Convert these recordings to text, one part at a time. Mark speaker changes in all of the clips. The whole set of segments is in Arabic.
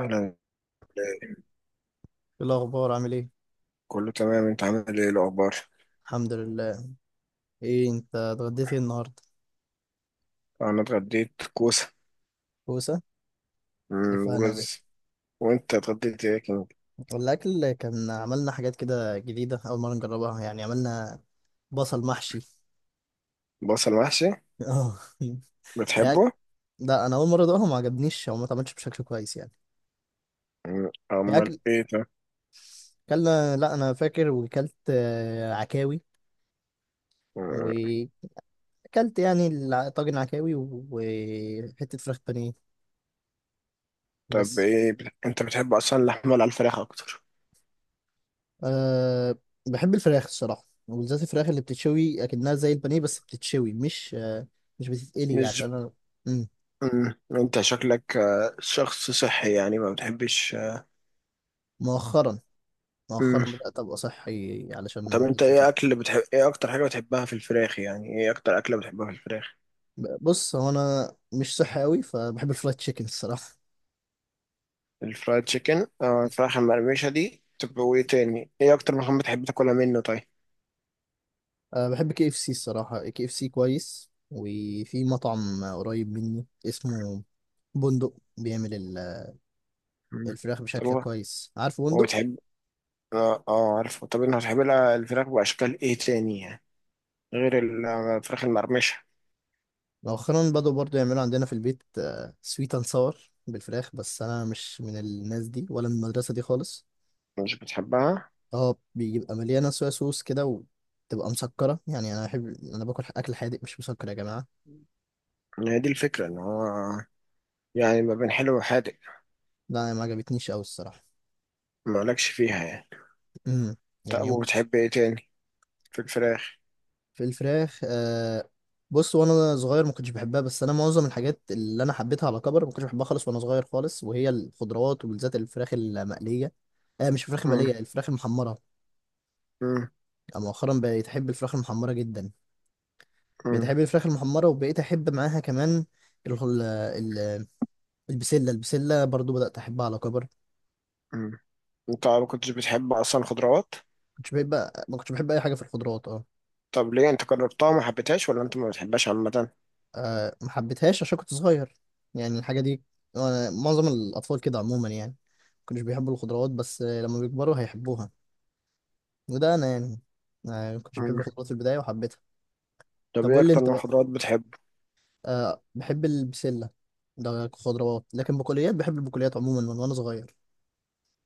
Speaker 1: أهلا.
Speaker 2: إيه الأخبار عامل إيه؟
Speaker 1: كله تمام. أنت عامل إيه الأخبار؟
Speaker 2: الحمد لله. إيه أنت اتغديت إيه النهاردة؟
Speaker 1: أنا اتغديت كوسة،
Speaker 2: كوسة؟ ألف هنا يا باشا.
Speaker 1: ورز. وأنت اتغديت إيه كان؟
Speaker 2: الأكل كان عملنا حاجات كده جديدة أول مرة نجربها يعني عملنا بصل محشي.
Speaker 1: بصل محشي.
Speaker 2: آه يعني،
Speaker 1: بتحبه؟
Speaker 2: لا أنا أول مرة أدوقها ما عجبنيش أو ما اتعملش بشكل كويس يعني. هي
Speaker 1: أمال
Speaker 2: أكل
Speaker 1: إيه ده؟
Speaker 2: أكلنا، لا أنا فاكر وكلت عكاوي،
Speaker 1: مم.
Speaker 2: وأكلت يعني طاجن عكاوي وحتة فراخ بانيه
Speaker 1: طب
Speaker 2: بس.
Speaker 1: إيه، أنت بتحب أصلا اللحمة ولا الفراخ أكتر؟
Speaker 2: أه، بحب الفراخ الصراحة وبالذات الفراخ اللي بتتشوي أكنها زي البانيه، بس بتتشوي مش بتتقلي
Speaker 1: مش.
Speaker 2: عشان أنا. مم.
Speaker 1: مم، أنت شكلك شخص صحي يعني ما بتحبش.
Speaker 2: مؤخرا
Speaker 1: مم،
Speaker 2: مؤخرا بدأت أبقى صحي علشان
Speaker 1: طب أنت
Speaker 2: بنزل جيم.
Speaker 1: إيه أكل بتحب، إيه أكتر حاجة بتحبها في الفراخ؟ يعني إيه أكتر أكلة بتحبها في الفراخ؟
Speaker 2: بص، هو أنا مش صحي أوي فبحب الفرايد تشيكن الصراحة.
Speaker 1: الفرايد تشيكن أو الفراخ المقرمشة دي. طب وإيه تاني؟ إيه أكتر مكان بتحب تاكلها منه طيب؟
Speaker 2: أه، بحب KFC الصراحة، KFC كويس، وفي مطعم قريب مني اسمه بندق بيعمل
Speaker 1: مم.
Speaker 2: الفراخ
Speaker 1: طب
Speaker 2: بشكل
Speaker 1: هو،
Speaker 2: كويس. عارف بندق؟
Speaker 1: بتحب، اه، اه، عارفه. طب انت بتحب لها الفراخ باشكال ايه تاني يعني، غير الفراخ المقرمشه؟
Speaker 2: مؤخرا بدأوا برضو يعملوا عندنا في البيت سويت اند ساور بالفراخ، بس انا مش من الناس دي ولا من المدرسه دي خالص.
Speaker 1: مش بتحبها؟
Speaker 2: اه، بيبقى مليانه صويا صوص كده وتبقى مسكره، يعني انا باكل اكل حادق مش مسكر يا جماعه.
Speaker 1: هي دي الفكره، ان هو يعني ما بين حلو وحادق.
Speaker 2: لا، أنا ما عجبتنيش قوي الصراحه.
Speaker 1: مالكش فيها يعني.
Speaker 2: امم
Speaker 1: طب
Speaker 2: يعني
Speaker 1: وبتحب ايه تاني في الفراخ؟
Speaker 2: في الفراخ. بص، وانا صغير ما كنتش بحبها، بس انا معظم الحاجات اللي انا حبيتها على كبر ما كنتش بحبها خالص وانا صغير خالص، وهي الخضروات وبالذات الفراخ المقليه. مش الفراخ
Speaker 1: مم.
Speaker 2: المقليه، الفراخ المحمره.
Speaker 1: مم.
Speaker 2: مؤخرا بقيت احب الفراخ المحمره جدا.
Speaker 1: مم.
Speaker 2: بتحب الفراخ المحمرة، وبقيت أحب معاها كمان ال- ال- ال- البسلة برضو بدأت أحبها على كبر.
Speaker 1: مم. انت ما كنتش بتحب اصلا خضروات؟
Speaker 2: كنتش بحب ما كنتش بحب أي حاجة في الخضروات اه.
Speaker 1: طب ليه، انت جربتها وما حبيتهاش ولا انت ما بتحبهاش عامه؟
Speaker 2: آه، ما حبيتهاش عشان كنت صغير يعني. الحاجة دي، معظم الأطفال كده عموما يعني ما كانوش بيحبوا الخضروات، بس لما بيكبروا هيحبوها. وده أنا يعني، ما كنتش بحب
Speaker 1: مم.
Speaker 2: الخضروات في البداية وحبيتها.
Speaker 1: طب
Speaker 2: طب
Speaker 1: ايه
Speaker 2: قول لي
Speaker 1: اكتر
Speaker 2: أنت
Speaker 1: نوع
Speaker 2: بقى.
Speaker 1: خضروات بتحب؟
Speaker 2: أه، بحب البسلة. ده خضروات لكن بقوليات، بحب البقوليات عموما من وأنا صغير.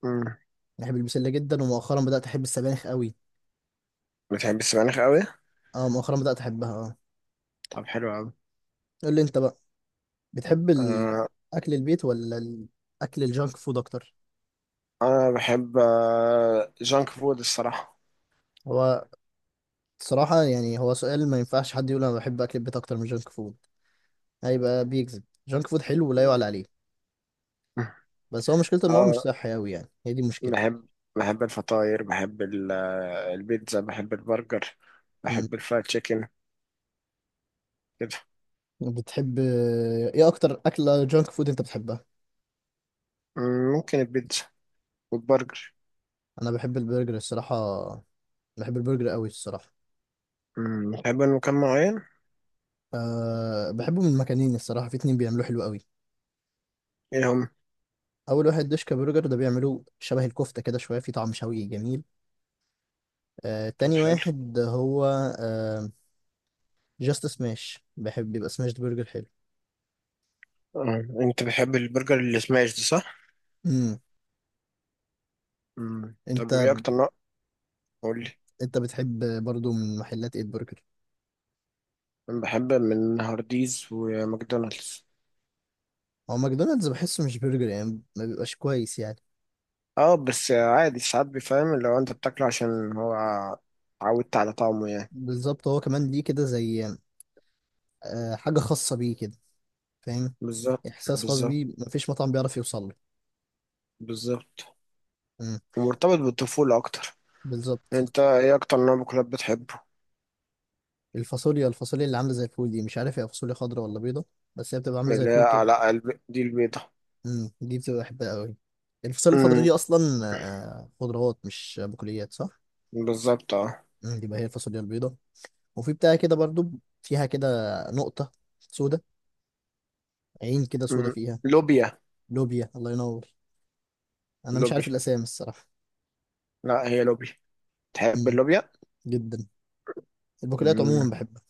Speaker 1: مم.
Speaker 2: بحب البسلة جدا، ومؤخرا بدأت أحب السبانخ قوي.
Speaker 1: بتحب السبانخ قوي؟
Speaker 2: اه، مؤخرا بدأت احبها اه.
Speaker 1: طب حلو
Speaker 2: قول لي انت بقى، بتحب
Speaker 1: قوي.
Speaker 2: اكل البيت ولا اكل الجانك فود اكتر؟
Speaker 1: انا بحب جانك فود الصراحه.
Speaker 2: هو صراحة يعني هو سؤال ما ينفعش حد يقول انا بحب اكل البيت اكتر من جانك فود، هيبقى بيكذب. جانك فود حلو ولا يعلى عليه. بس هو مشكلته ان هو مش
Speaker 1: اه.
Speaker 2: صحي قوي، يعني هي دي المشكلة.
Speaker 1: بحب بحب الفطاير، بحب البيتزا، بحب البرجر،
Speaker 2: مم.
Speaker 1: بحب الفرايد تشيكن كده.
Speaker 2: بتحب، ايه اكتر اكلة جانك فود انت بتحبها؟
Speaker 1: مم، ممكن البيتزا والبرجر.
Speaker 2: انا بحب البرجر الصراحة، بحب البرجر قوي الصراحة.
Speaker 1: بتحب مكان معين؟
Speaker 2: أه، بحبه من مكانين الصراحة، في اتنين بيعملوه حلو قوي.
Speaker 1: ايه هم؟
Speaker 2: اول واحد دوشكا برجر، ده بيعملوه شبه الكفته كده، شويه في طعم شوي جميل.
Speaker 1: طب
Speaker 2: تاني
Speaker 1: حلو.
Speaker 2: واحد هو آه جاست سماش، بحب يبقى سماش برجر حلو.
Speaker 1: آه، انت بتحب البرجر اللي سماش ده صح؟
Speaker 2: امم.
Speaker 1: مم.
Speaker 2: انت
Speaker 1: طب ايه اكتر نوع، قول لي.
Speaker 2: انت بتحب برضو من محلات ايه البرجر؟
Speaker 1: انا بحب من هارديز وماكدونالدز.
Speaker 2: هو ماكدونالدز بحسه مش برجر يعني، ما بيبقاش كويس يعني.
Speaker 1: اه، بس عادي ساعات بيفهم لو انت بتاكله، عشان هو عودت على طعمه يعني.
Speaker 2: بالظبط، هو كمان ليه كده زي حاجه خاصه بيه كده، فاهم.
Speaker 1: بالظبط.
Speaker 2: احساس خاص
Speaker 1: بالظبط.
Speaker 2: بيه مفيش مطعم بيعرف يوصل له.
Speaker 1: بالظبط.
Speaker 2: امم،
Speaker 1: ومرتبط بالطفولة أكتر.
Speaker 2: بالظبط.
Speaker 1: أنت إيه أكتر نوع مكلاب بتحبه؟
Speaker 2: الفاصوليا اللي عامله زي الفول دي، مش عارف هي فاصوليا خضراء ولا بيضه، بس هي بتبقى عامله زي
Speaker 1: اللي هي
Speaker 2: الفول كده.
Speaker 1: على قلب دي، البيضة؟
Speaker 2: امم، دي بتبقى بحبها قوي، الفاصوليا الخضراء
Speaker 1: أمم.
Speaker 2: دي اصلا. آه، خضروات مش بقوليات، صح.
Speaker 1: بالظبط، أه.
Speaker 2: امم، دي بقى هي الفاصوليا البيضاء، وفي بتاع كده برضو فيها كده نقطة سودة، عين كده سودة
Speaker 1: أمم.
Speaker 2: فيها.
Speaker 1: لوبيا.
Speaker 2: لوبيا، الله ينور، انا مش عارف
Speaker 1: لوبيا.
Speaker 2: الاسامي الصراحة.
Speaker 1: لا، هي لوبيا. تحب
Speaker 2: امم،
Speaker 1: اللوبيا؟
Speaker 2: جدا، البقوليات
Speaker 1: أمم.
Speaker 2: عموما بحبها.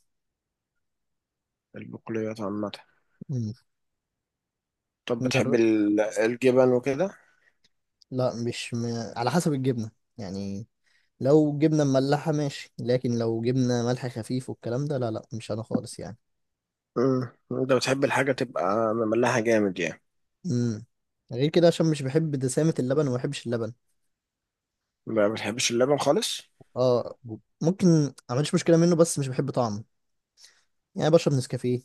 Speaker 1: البقوليات عامة.
Speaker 2: امم.
Speaker 1: طب بتحب
Speaker 2: جربت،
Speaker 1: الجبن وكده؟
Speaker 2: لا مش على حسب الجبنة يعني. لو جبنة مملحة ماشي، لكن لو جبنة ملح خفيف والكلام ده، لا لا، مش انا خالص يعني.
Speaker 1: أمم. أنت بتحب الحاجة تبقى مملحة جامد يعني؟
Speaker 2: امم، غير كده عشان مش بحب دسامة اللبن وما بحبش اللبن.
Speaker 1: ما بتحبش اللبن خالص؟
Speaker 2: اه، ممكن ما عنديش مشكله منه، بس مش بحب طعمه. يعني بشرب نسكافيه،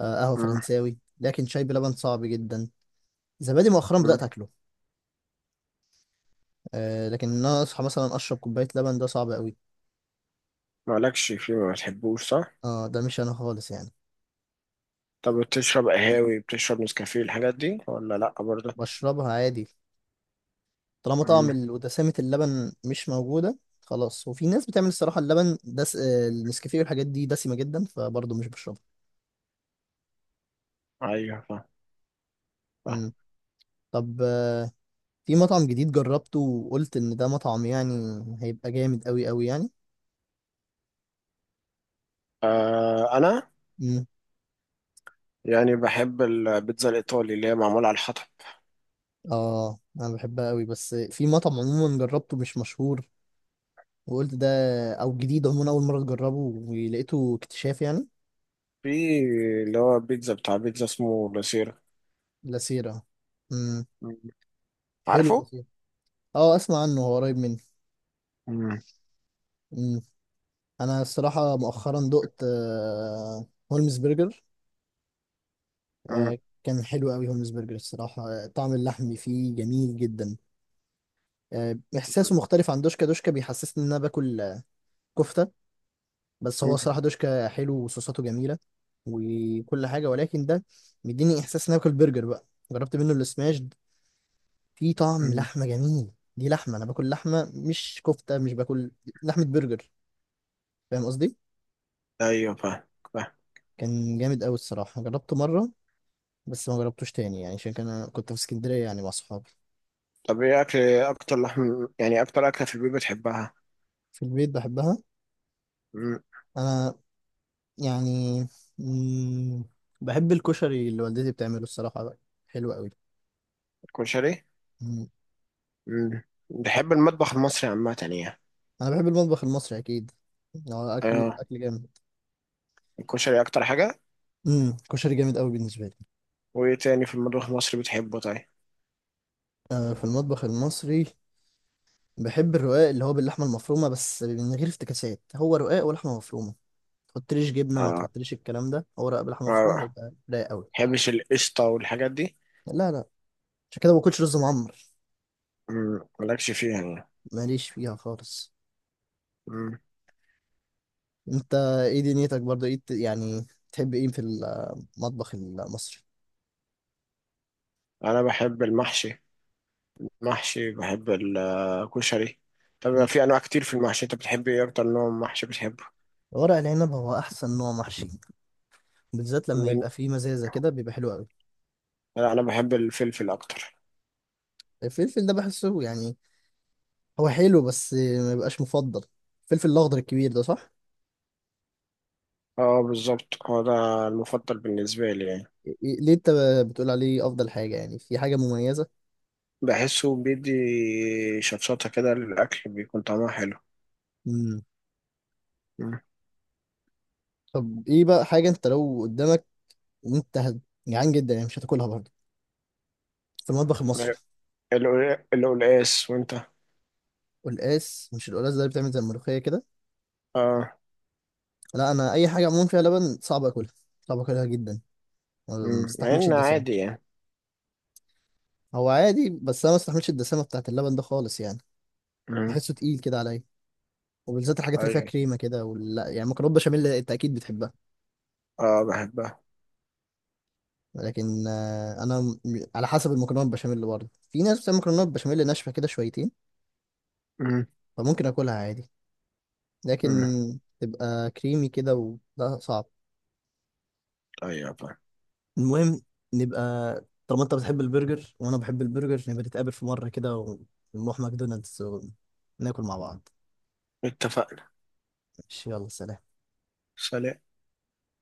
Speaker 2: قهوه
Speaker 1: أمم.
Speaker 2: فرنساوي، لكن شاي بلبن صعب جدا. زبادي مؤخرا
Speaker 1: أمم.
Speaker 2: بدات اكله. لكن ان انا اصحى مثلا اشرب كوبايه لبن ده صعب قوي.
Speaker 1: مالكش فيه، ما بتحبوش صح؟
Speaker 2: اه، ده مش انا خالص يعني.
Speaker 1: طب بتشرب قهاوي، بتشرب نسكافيه، الحاجات دي ولا لأ برضه؟
Speaker 2: بشربها عادي، طالما طعم
Speaker 1: مم.
Speaker 2: ودسامه اللبن مش موجوده خلاص. وفي ناس بتعمل الصراحه اللبن دس، النسكافيه والحاجات دي دسمه جدا، فبرضه مش بشربها.
Speaker 1: ايوه، فاهم. فاهم.
Speaker 2: مم. طب، في مطعم جديد جربته وقلت ان ده مطعم يعني هيبقى جامد قوي قوي يعني.
Speaker 1: آه، انا يعني بحب البيتزا الايطالي اللي هي معموله على الحطب.
Speaker 2: اه، انا بحبها قوي، بس في مطعم عموما جربته مش مشهور، وقلت ده، او جديد عموما اول مره اجربه ولقيته اكتشاف يعني.
Speaker 1: في اللي هو بيتزا، بتاع بيتزا اسمه لاسيرا.
Speaker 2: لاسيرا، امم
Speaker 1: مم.
Speaker 2: حلو
Speaker 1: عارفه.
Speaker 2: لاسيرا. اه، اسمع عنه، هو قريب مني.
Speaker 1: مم.
Speaker 2: امم. انا الصراحه مؤخرا دقت هولمز برجر.
Speaker 1: مم.
Speaker 2: آه، كان حلو قوي هولمز برجر الصراحه، طعم اللحم فيه جميل جدا. احساسه مختلف عن دوشكا. دوشكا بيحسسني ان انا باكل كفته، بس هو
Speaker 1: مم.
Speaker 2: الصراحه دوشكا حلو وصوصاته جميله وكل حاجه، ولكن ده مديني احساس ان أنا باكل برجر بقى. جربت منه السماش، في طعم
Speaker 1: مم.
Speaker 2: لحمه جميل. دي لحمه، انا باكل لحمه مش كفته، مش باكل لحمه برجر، فاهم قصدي.
Speaker 1: ايوه، فاهم. فاهم.
Speaker 2: كان جامد قوي الصراحه، جربته مره بس ما جربتوش تاني يعني عشان انا كنت في اسكندريه يعني مع صحابي.
Speaker 1: طب ايه اكل، اكتر لحم يعني، اكتر اكله في البيت بتحبها؟
Speaker 2: في البيت بحبها
Speaker 1: مم.
Speaker 2: انا يعني. مم، بحب الكشري اللي والدتي بتعمله الصراحه بقى، حلو
Speaker 1: الكشري.
Speaker 2: قوي.
Speaker 1: مم. بحب المطبخ المصري عامه يعني.
Speaker 2: انا بحب المطبخ المصري اكيد، هو اكل،
Speaker 1: اه.
Speaker 2: اكل جامد.
Speaker 1: الكشري اكتر حاجه.
Speaker 2: امم، كشري جامد قوي بالنسبه لي.
Speaker 1: وايه تاني في المطبخ المصري بتحبه طيب؟
Speaker 2: آه، في المطبخ المصري بحب الرقاق، اللي هو باللحمه المفرومه، بس من غير افتكاسات، هو رقاق ولحمه مفرومه، ما تحطليش جبنه ما
Speaker 1: اه.
Speaker 2: تحطليش الكلام ده، هو رقاق بلحمه
Speaker 1: اه،
Speaker 2: مفرومه
Speaker 1: ما
Speaker 2: يبقى رايق قوي.
Speaker 1: بحبش القشطه والحاجات دي.
Speaker 2: لا لا، عشان كده ما باكلش رز معمر.
Speaker 1: مم، مالكش فيها يعني.
Speaker 2: ماليش فيها خالص.
Speaker 1: مم.
Speaker 2: انت ايه دنيتك برضه؟ ايه يعني تحب ايه في المطبخ المصري؟
Speaker 1: انا بحب المحشي. محشي. بحب الكشري. طب
Speaker 2: مم.
Speaker 1: في انواع كتير في المحشي، انت بتحب ايه، اكتر نوع محشي بتحبه؟
Speaker 2: ورق العنب هو احسن نوع محشي، بالذات لما
Speaker 1: من-
Speaker 2: يبقى فيه مزازه كده بيبقى حلو قوي.
Speaker 1: لا، انا بحب الفلفل اكتر.
Speaker 2: الفلفل ده بحسه يعني هو حلو، بس ما يبقاش مفضل. الفلفل الاخضر الكبير ده، صح؟
Speaker 1: اه، بالظبط هو ده المفضل بالنسبه لي يعني.
Speaker 2: إيه، ليه انت بتقول عليه افضل حاجه، يعني في حاجه مميزه؟
Speaker 1: بحسه بيدي شطشطه كده للاكل، بيكون طعمها حلو.
Speaker 2: امم.
Speaker 1: مم.
Speaker 2: طب، ايه بقى حاجه انت لو قدامك وانت جعان جدا يعني مش هتاكلها برضه في المطبخ المصري؟
Speaker 1: القلقاس. وانت؟
Speaker 2: قلقاس، مش القلقاس ده اللي بتعمل زي الملوخيه كده؟
Speaker 1: اه.
Speaker 2: لا، انا اي حاجه عموما فيها لبن صعب اكلها، صعب اكلها جدا، ما
Speaker 1: مم. مع
Speaker 2: بستحملش
Speaker 1: انه
Speaker 2: الدسامه.
Speaker 1: عادي يعني.
Speaker 2: هو عادي بس انا ما بستحملش الدسامه بتاعت اللبن ده خالص يعني.
Speaker 1: مم.
Speaker 2: بحسه تقيل كده عليا، وبالذات الحاجات اللي فيها
Speaker 1: ايوه.
Speaker 2: كريمه كده، ولا يعني مكرونه بشاميل انت اكيد بتحبها.
Speaker 1: اه، بحبها.
Speaker 2: لكن انا على حسب المكرونه البشاميل، اللي برضه في ناس بتعمل مكرونه بشاميل ناشفه كده شويتين
Speaker 1: مم.
Speaker 2: فممكن اكلها عادي، لكن
Speaker 1: مم.
Speaker 2: تبقى كريمي كده وده صعب.
Speaker 1: ايوه، طيب.
Speaker 2: المهم، نبقى طالما انت بتحب البرجر وانا بحب البرجر، نبقى نتقابل في مره كده ونروح ماكدونالدز وناكل مع بعض.
Speaker 1: اتفقنا.
Speaker 2: ماشي، يلا سلام.
Speaker 1: سلام.